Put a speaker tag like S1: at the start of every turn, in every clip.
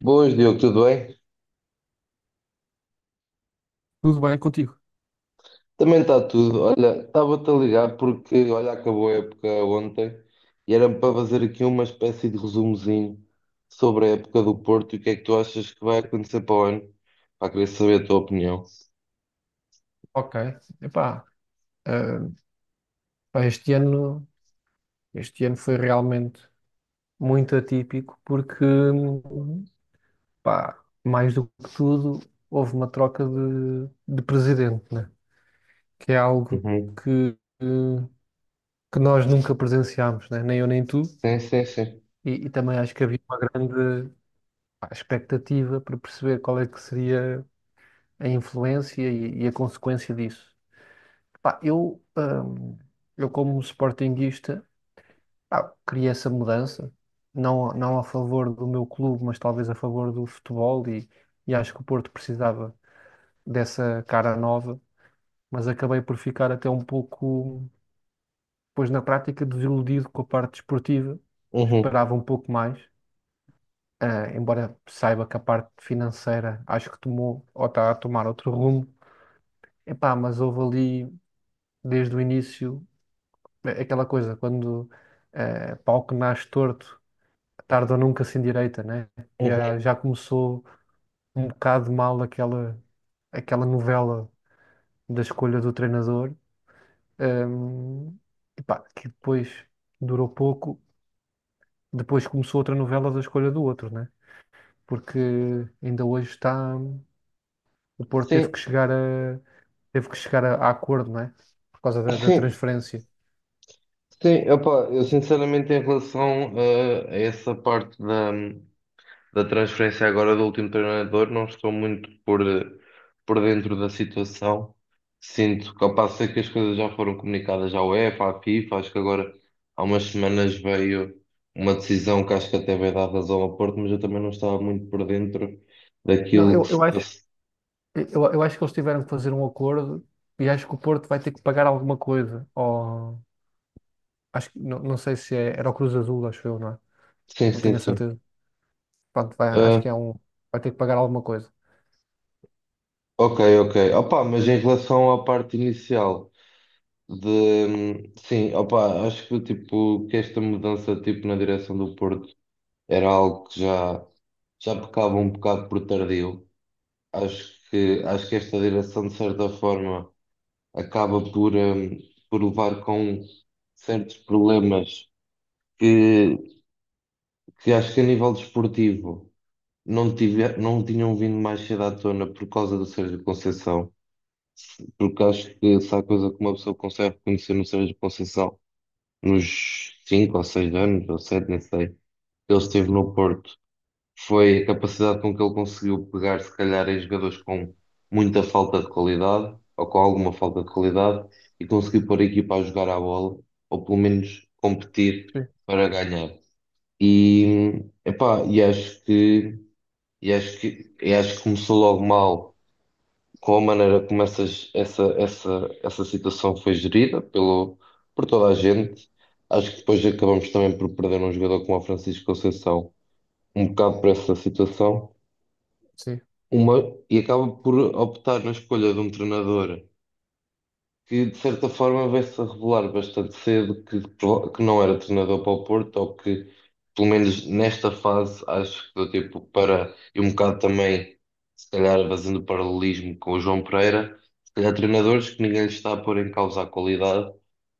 S1: Boas, Diogo, tudo bem?
S2: Tudo bem contigo?
S1: Também está tudo. Olha, estava-te a ligar porque, olha, acabou a época ontem e era para fazer aqui uma espécie de resumozinho sobre a época do Porto e o que é que tu achas que vai acontecer para o ano. Para querer saber a tua opinião.
S2: Ok. Epá, ah, pá, este ano foi realmente muito atípico porque, pá, mais do que tudo, houve uma troca de presidente, né? Que é algo
S1: Uhum.
S2: que, que nós nunca presenciámos, né? Nem eu nem tu.
S1: Sim, sim, sim.
S2: E também acho que havia uma grande, pá, expectativa para perceber qual é que seria a influência e a consequência disso. Pá, eu como sportinguista queria essa mudança, não, não a favor do meu clube, mas talvez a favor do futebol e acho que o Porto precisava dessa cara nova, mas acabei por ficar até um pouco, pois na prática, desiludido com a parte desportiva,
S1: Uhum.
S2: esperava um pouco mais, embora saiba que a parte financeira acho que tomou, ou está a tomar outro rumo, epá, mas houve ali desde o início aquela coisa, quando pau que nasce torto tarde ou nunca sem direita, né? Já
S1: Uhum.
S2: começou um bocado mal aquela novela da escolha do treinador. hum, Epá, que depois durou pouco, depois começou outra novela da escolha do outro, né? Porque ainda hoje está. O Porto
S1: Sim,
S2: teve que chegar a acordo, né? Por causa da
S1: sim,
S2: transferência.
S1: sim. Opa, eu sinceramente em relação a essa parte da, transferência agora do último treinador, não estou muito por dentro da situação. Sinto que ao passo sei que as coisas já foram comunicadas à UEFA, à FIFA, acho que agora há umas semanas veio uma decisão que acho que até vai dar razão ao Porto, mas eu também não estava muito por dentro
S2: Não,
S1: daquilo que
S2: eu,
S1: se
S2: eu acho,
S1: passa.
S2: eu, eu acho que eles tiveram que fazer um acordo e acho que o Porto vai ter que pagar alguma coisa. Acho que não, não sei se é, era o Cruz Azul, acho eu, não é?
S1: Sim,
S2: Não tenho
S1: sim,
S2: a
S1: sim.
S2: certeza. Pronto, vai, acho
S1: Ah,
S2: que é um. Vai ter que pagar alguma coisa.
S1: ok, ok. Opa, mas em relação à parte inicial de sim, opa, acho que tipo que esta mudança tipo na direção do Porto era algo que já pecava um bocado por tardio. Acho que esta direção, de certa forma, acaba por levar com certos problemas que, que acho que a nível desportivo não tinham vindo mais cedo à tona por causa do Sérgio Conceição, porque acho que se há coisa que uma pessoa consegue reconhecer no Sérgio Conceição nos 5 ou 6 anos, ou 7 nem sei, que ele esteve no Porto foi a capacidade com que ele conseguiu pegar, se calhar, em jogadores com muita falta de qualidade, ou com alguma falta de qualidade, e conseguiu pôr a equipa a jogar à bola, ou pelo menos competir
S2: Sim,
S1: para ganhar. E, epá, e acho que começou logo mal com a maneira como essa situação foi gerida por toda a gente. Acho que depois acabamos também por perder um jogador como o Francisco Conceição, um bocado por essa situação.
S2: sim.
S1: E acaba por optar na escolha de um treinador que, de certa forma, vai-se a revelar bastante cedo que não era treinador para o Porto, ou que, pelo menos nesta fase, acho que deu tempo para, e um bocado também, se calhar, fazendo paralelismo com o João Pereira, se calhar treinadores que ninguém lhes está a pôr em causa a qualidade,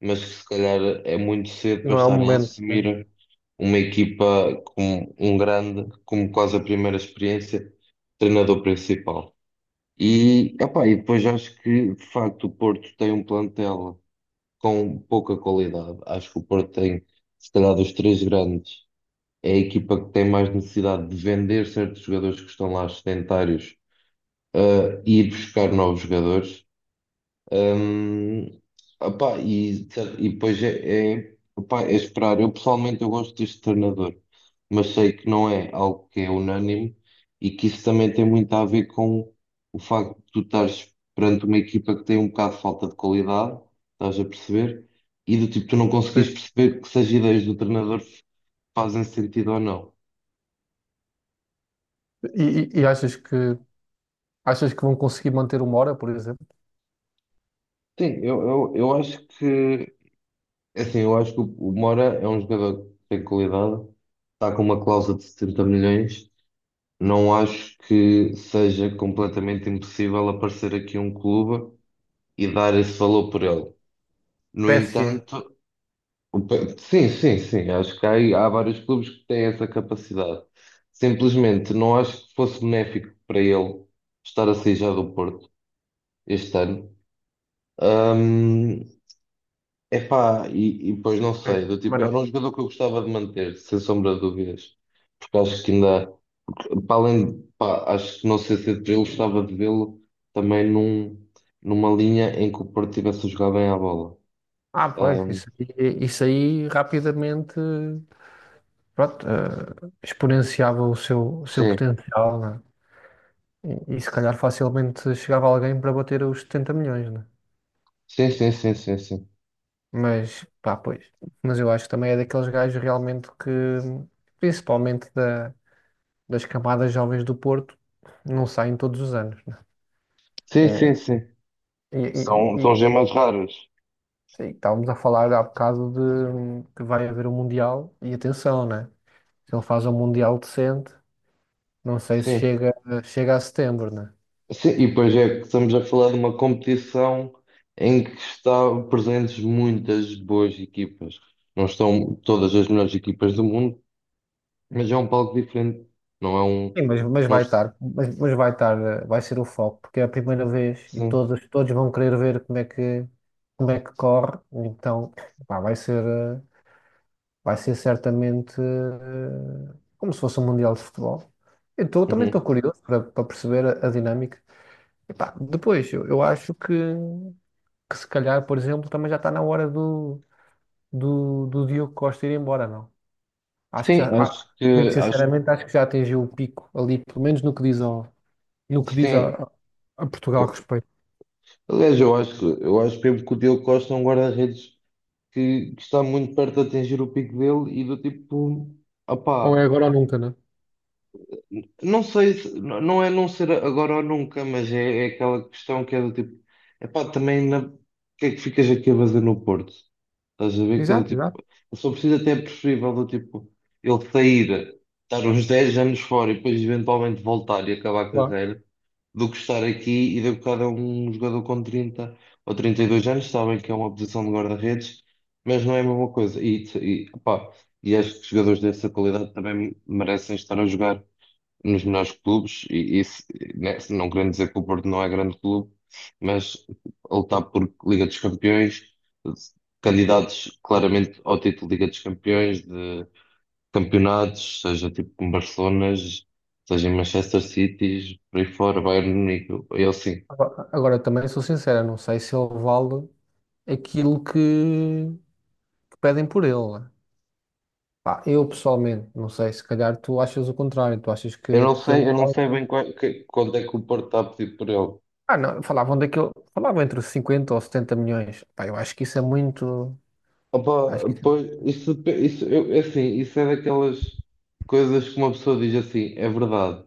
S1: mas que, se calhar, é muito cedo para
S2: Não é o
S1: estarem a
S2: momento, né?
S1: assumir uma equipa com um grande, como quase a primeira experiência, treinador principal. E, epá, e depois acho que, de facto, o Porto tem um plantel com pouca qualidade. Acho que o Porto tem, se calhar, dos três grandes, é a equipa que tem mais necessidade de vender certos jogadores que estão lá sedentários, e ir buscar novos jogadores. Hum, opá, e depois opá, é esperar. Eu pessoalmente eu gosto deste treinador, mas sei que não é algo que é unânime e que isso também tem muito a ver com o facto de tu estares perante uma equipa que tem um bocado de falta de qualidade, estás a perceber? E do tipo, tu não conseguires
S2: Sim.
S1: perceber que se as ideias do treinador fazem sentido ou não.
S2: E achas que vão conseguir manter uma hora, por exemplo?
S1: Sim, eu acho que é assim, eu acho que o Mora é um jogador que tem qualidade, está com uma cláusula de 70 milhões. Não acho que seja completamente impossível aparecer aqui um clube e dar esse valor por ele. No
S2: PSG.
S1: entanto, sim, sim, sim, acho que há vários clubes que têm essa capacidade. Simplesmente não acho que fosse benéfico para ele estar a sair já do Porto este ano. Epá, e pois não sei,
S2: Sim,
S1: do tipo,
S2: mas
S1: era
S2: não.
S1: um jogador que eu gostava de manter, sem sombra de dúvidas, porque acho que ainda, para além de, pá, acho que não sei se eu gostava de vê-lo também numa linha em que o Porto tivesse a jogar bem à bola.
S2: Ah, pois,
S1: Ahm,
S2: isso aí rapidamente pronto, exponenciava o seu
S1: sim,
S2: potencial, né? E se calhar facilmente chegava alguém para bater os 70 milhões, né?
S1: sim, sim, sim, sim, sim,
S2: Mas, pá, pois. Mas eu acho que também é daqueles gajos realmente que, principalmente da, das camadas jovens do Porto, não saem todos os anos, né?
S1: sim, sim,
S2: É,
S1: sim,
S2: e, e-
S1: são
S2: e-
S1: gemas raras,
S2: sim, estávamos a falar há bocado de que vai haver um Mundial, e atenção, né? Se ele faz um Mundial decente, não sei se
S1: sim,
S2: chega, a setembro, né?
S1: sim, e pois é que estamos a falar de uma competição em que estão presentes muitas boas equipas. Não estão todas as melhores equipas do mundo, mas é um palco diferente, não é um.
S2: Sim, mas, mas
S1: Não,
S2: vai estar, mas, mas vai estar, vai ser o foco, porque é a primeira vez e
S1: sim.
S2: todos vão querer ver como é que corre, então, pá, vai ser certamente como se fosse um Mundial de Futebol. Eu também estou
S1: Uhum.
S2: curioso para perceber a dinâmica. Epá, depois, eu acho que se calhar, por exemplo, também já está na hora do Diogo Costa ir embora, não? Acho que já,
S1: Sim,
S2: muito
S1: acho que
S2: sinceramente, acho que já atingiu o pico ali, pelo menos no que diz, no que diz a,
S1: sim.
S2: a Portugal a
S1: Eu-
S2: respeito.
S1: Aliás, eu acho mesmo que o Diogo Costa é um guarda-redes que está muito perto de atingir o pico dele e do tipo,
S2: Ou é
S1: opá,
S2: agora ou nunca, não é?
S1: não sei se não é não ser agora ou nunca, mas é aquela questão que é do tipo, epá, também o que é que ficas aqui a fazer no Porto? Estás a ver que era
S2: Exato,
S1: tipo.
S2: exato.
S1: Eu só preciso até preferível do tipo ele sair, estar uns 10 anos fora e depois eventualmente voltar e acabar a
S2: Claro.
S1: carreira, do que estar aqui e de bocado é um jogador com 30 ou 32 anos, sabem que é uma posição de guarda-redes, mas não é a mesma coisa. E, pá, e acho que jogadores dessa qualidade também merecem estar a jogar nos melhores clubes, e isso, né, não querendo dizer que o Porto não é grande clube, mas a lutar por Liga dos Campeões, candidatos claramente ao título de Liga dos Campeões, de campeonatos, seja tipo com Barcelonas, seja em Manchester City, por aí fora, Bayern de Munique, eu sim.
S2: Agora também sou sincero, não sei se ele vale aquilo que pedem por ele, né? Pá, eu pessoalmente, não sei, se calhar tu achas o contrário, tu achas que, que ele...
S1: Eu não sei bem quando é que o Porto está a pedir por ele.
S2: Ah, não, falavam entre 50 ou 70 milhões. Pá, eu acho que isso é muito... Acho que...
S1: Opa, pois, isso, é assim, isso é daquelas coisas que uma pessoa diz assim, é verdade.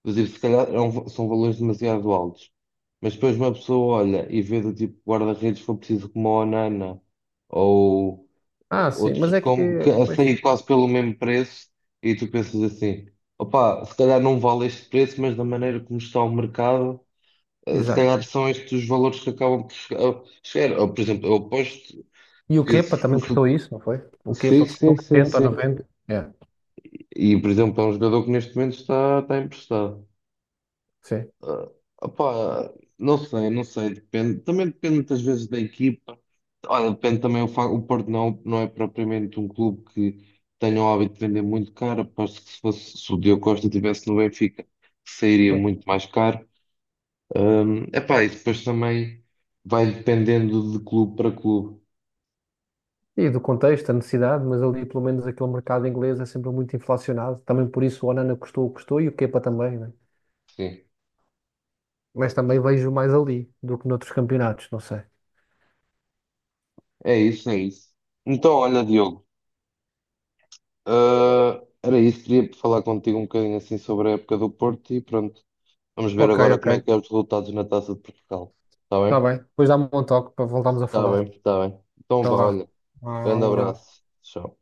S1: Inclusive, se calhar são valores demasiado altos. Mas depois uma pessoa olha e vê do tipo guarda-redes, se for preciso, como a Onana ou
S2: Ah, sim,
S1: outros
S2: mas é
S1: como, que
S2: que...
S1: a
S2: Pois,
S1: sair quase pelo mesmo preço, e tu pensas assim: opá, se calhar não vale este preço, mas da maneira como está o mercado, se
S2: exato.
S1: calhar são estes os valores que acabam por chegar. Ou, por exemplo, eu aposto
S2: E o
S1: que
S2: Kepa também
S1: se-
S2: custou isso, não foi? O
S1: sim,
S2: Kepa custou
S1: sim, sim,
S2: 80 ou
S1: sim.
S2: 90. É,
S1: E, por exemplo, é um jogador que neste momento está emprestado.
S2: sim.
S1: Ah, opá, não sei, não sei, depende. Também depende muitas vezes da equipa. Olha, depende também o Porto não é propriamente um clube que tenha o hábito de vender muito caro. Aposto que se fosse, se o Diogo Costa estivesse no Benfica, sairia muito mais caro. Epá, e depois também vai dependendo de clube para clube.
S2: E do contexto, a necessidade, mas ali pelo menos aquele mercado inglês é sempre muito inflacionado. Também por isso o Onana custou o que custou e o Kepa também, né?
S1: Sim,
S2: Mas também vejo mais ali do que noutros campeonatos, não sei.
S1: é isso, é isso. Então, olha, Diogo, era isso, queria falar contigo um bocadinho assim sobre a época do Porto e pronto. Vamos ver
S2: Ok,
S1: agora como é
S2: ok.
S1: que é os resultados na Taça de Portugal. Está
S2: Está
S1: bem?
S2: bem. Depois dá-me um toque para voltarmos a
S1: Está
S2: falar.
S1: bem, está bem. Então
S2: Até
S1: vá,
S2: lá.
S1: olha.
S2: Ah,
S1: Grande
S2: um abraço.
S1: abraço. Tchau.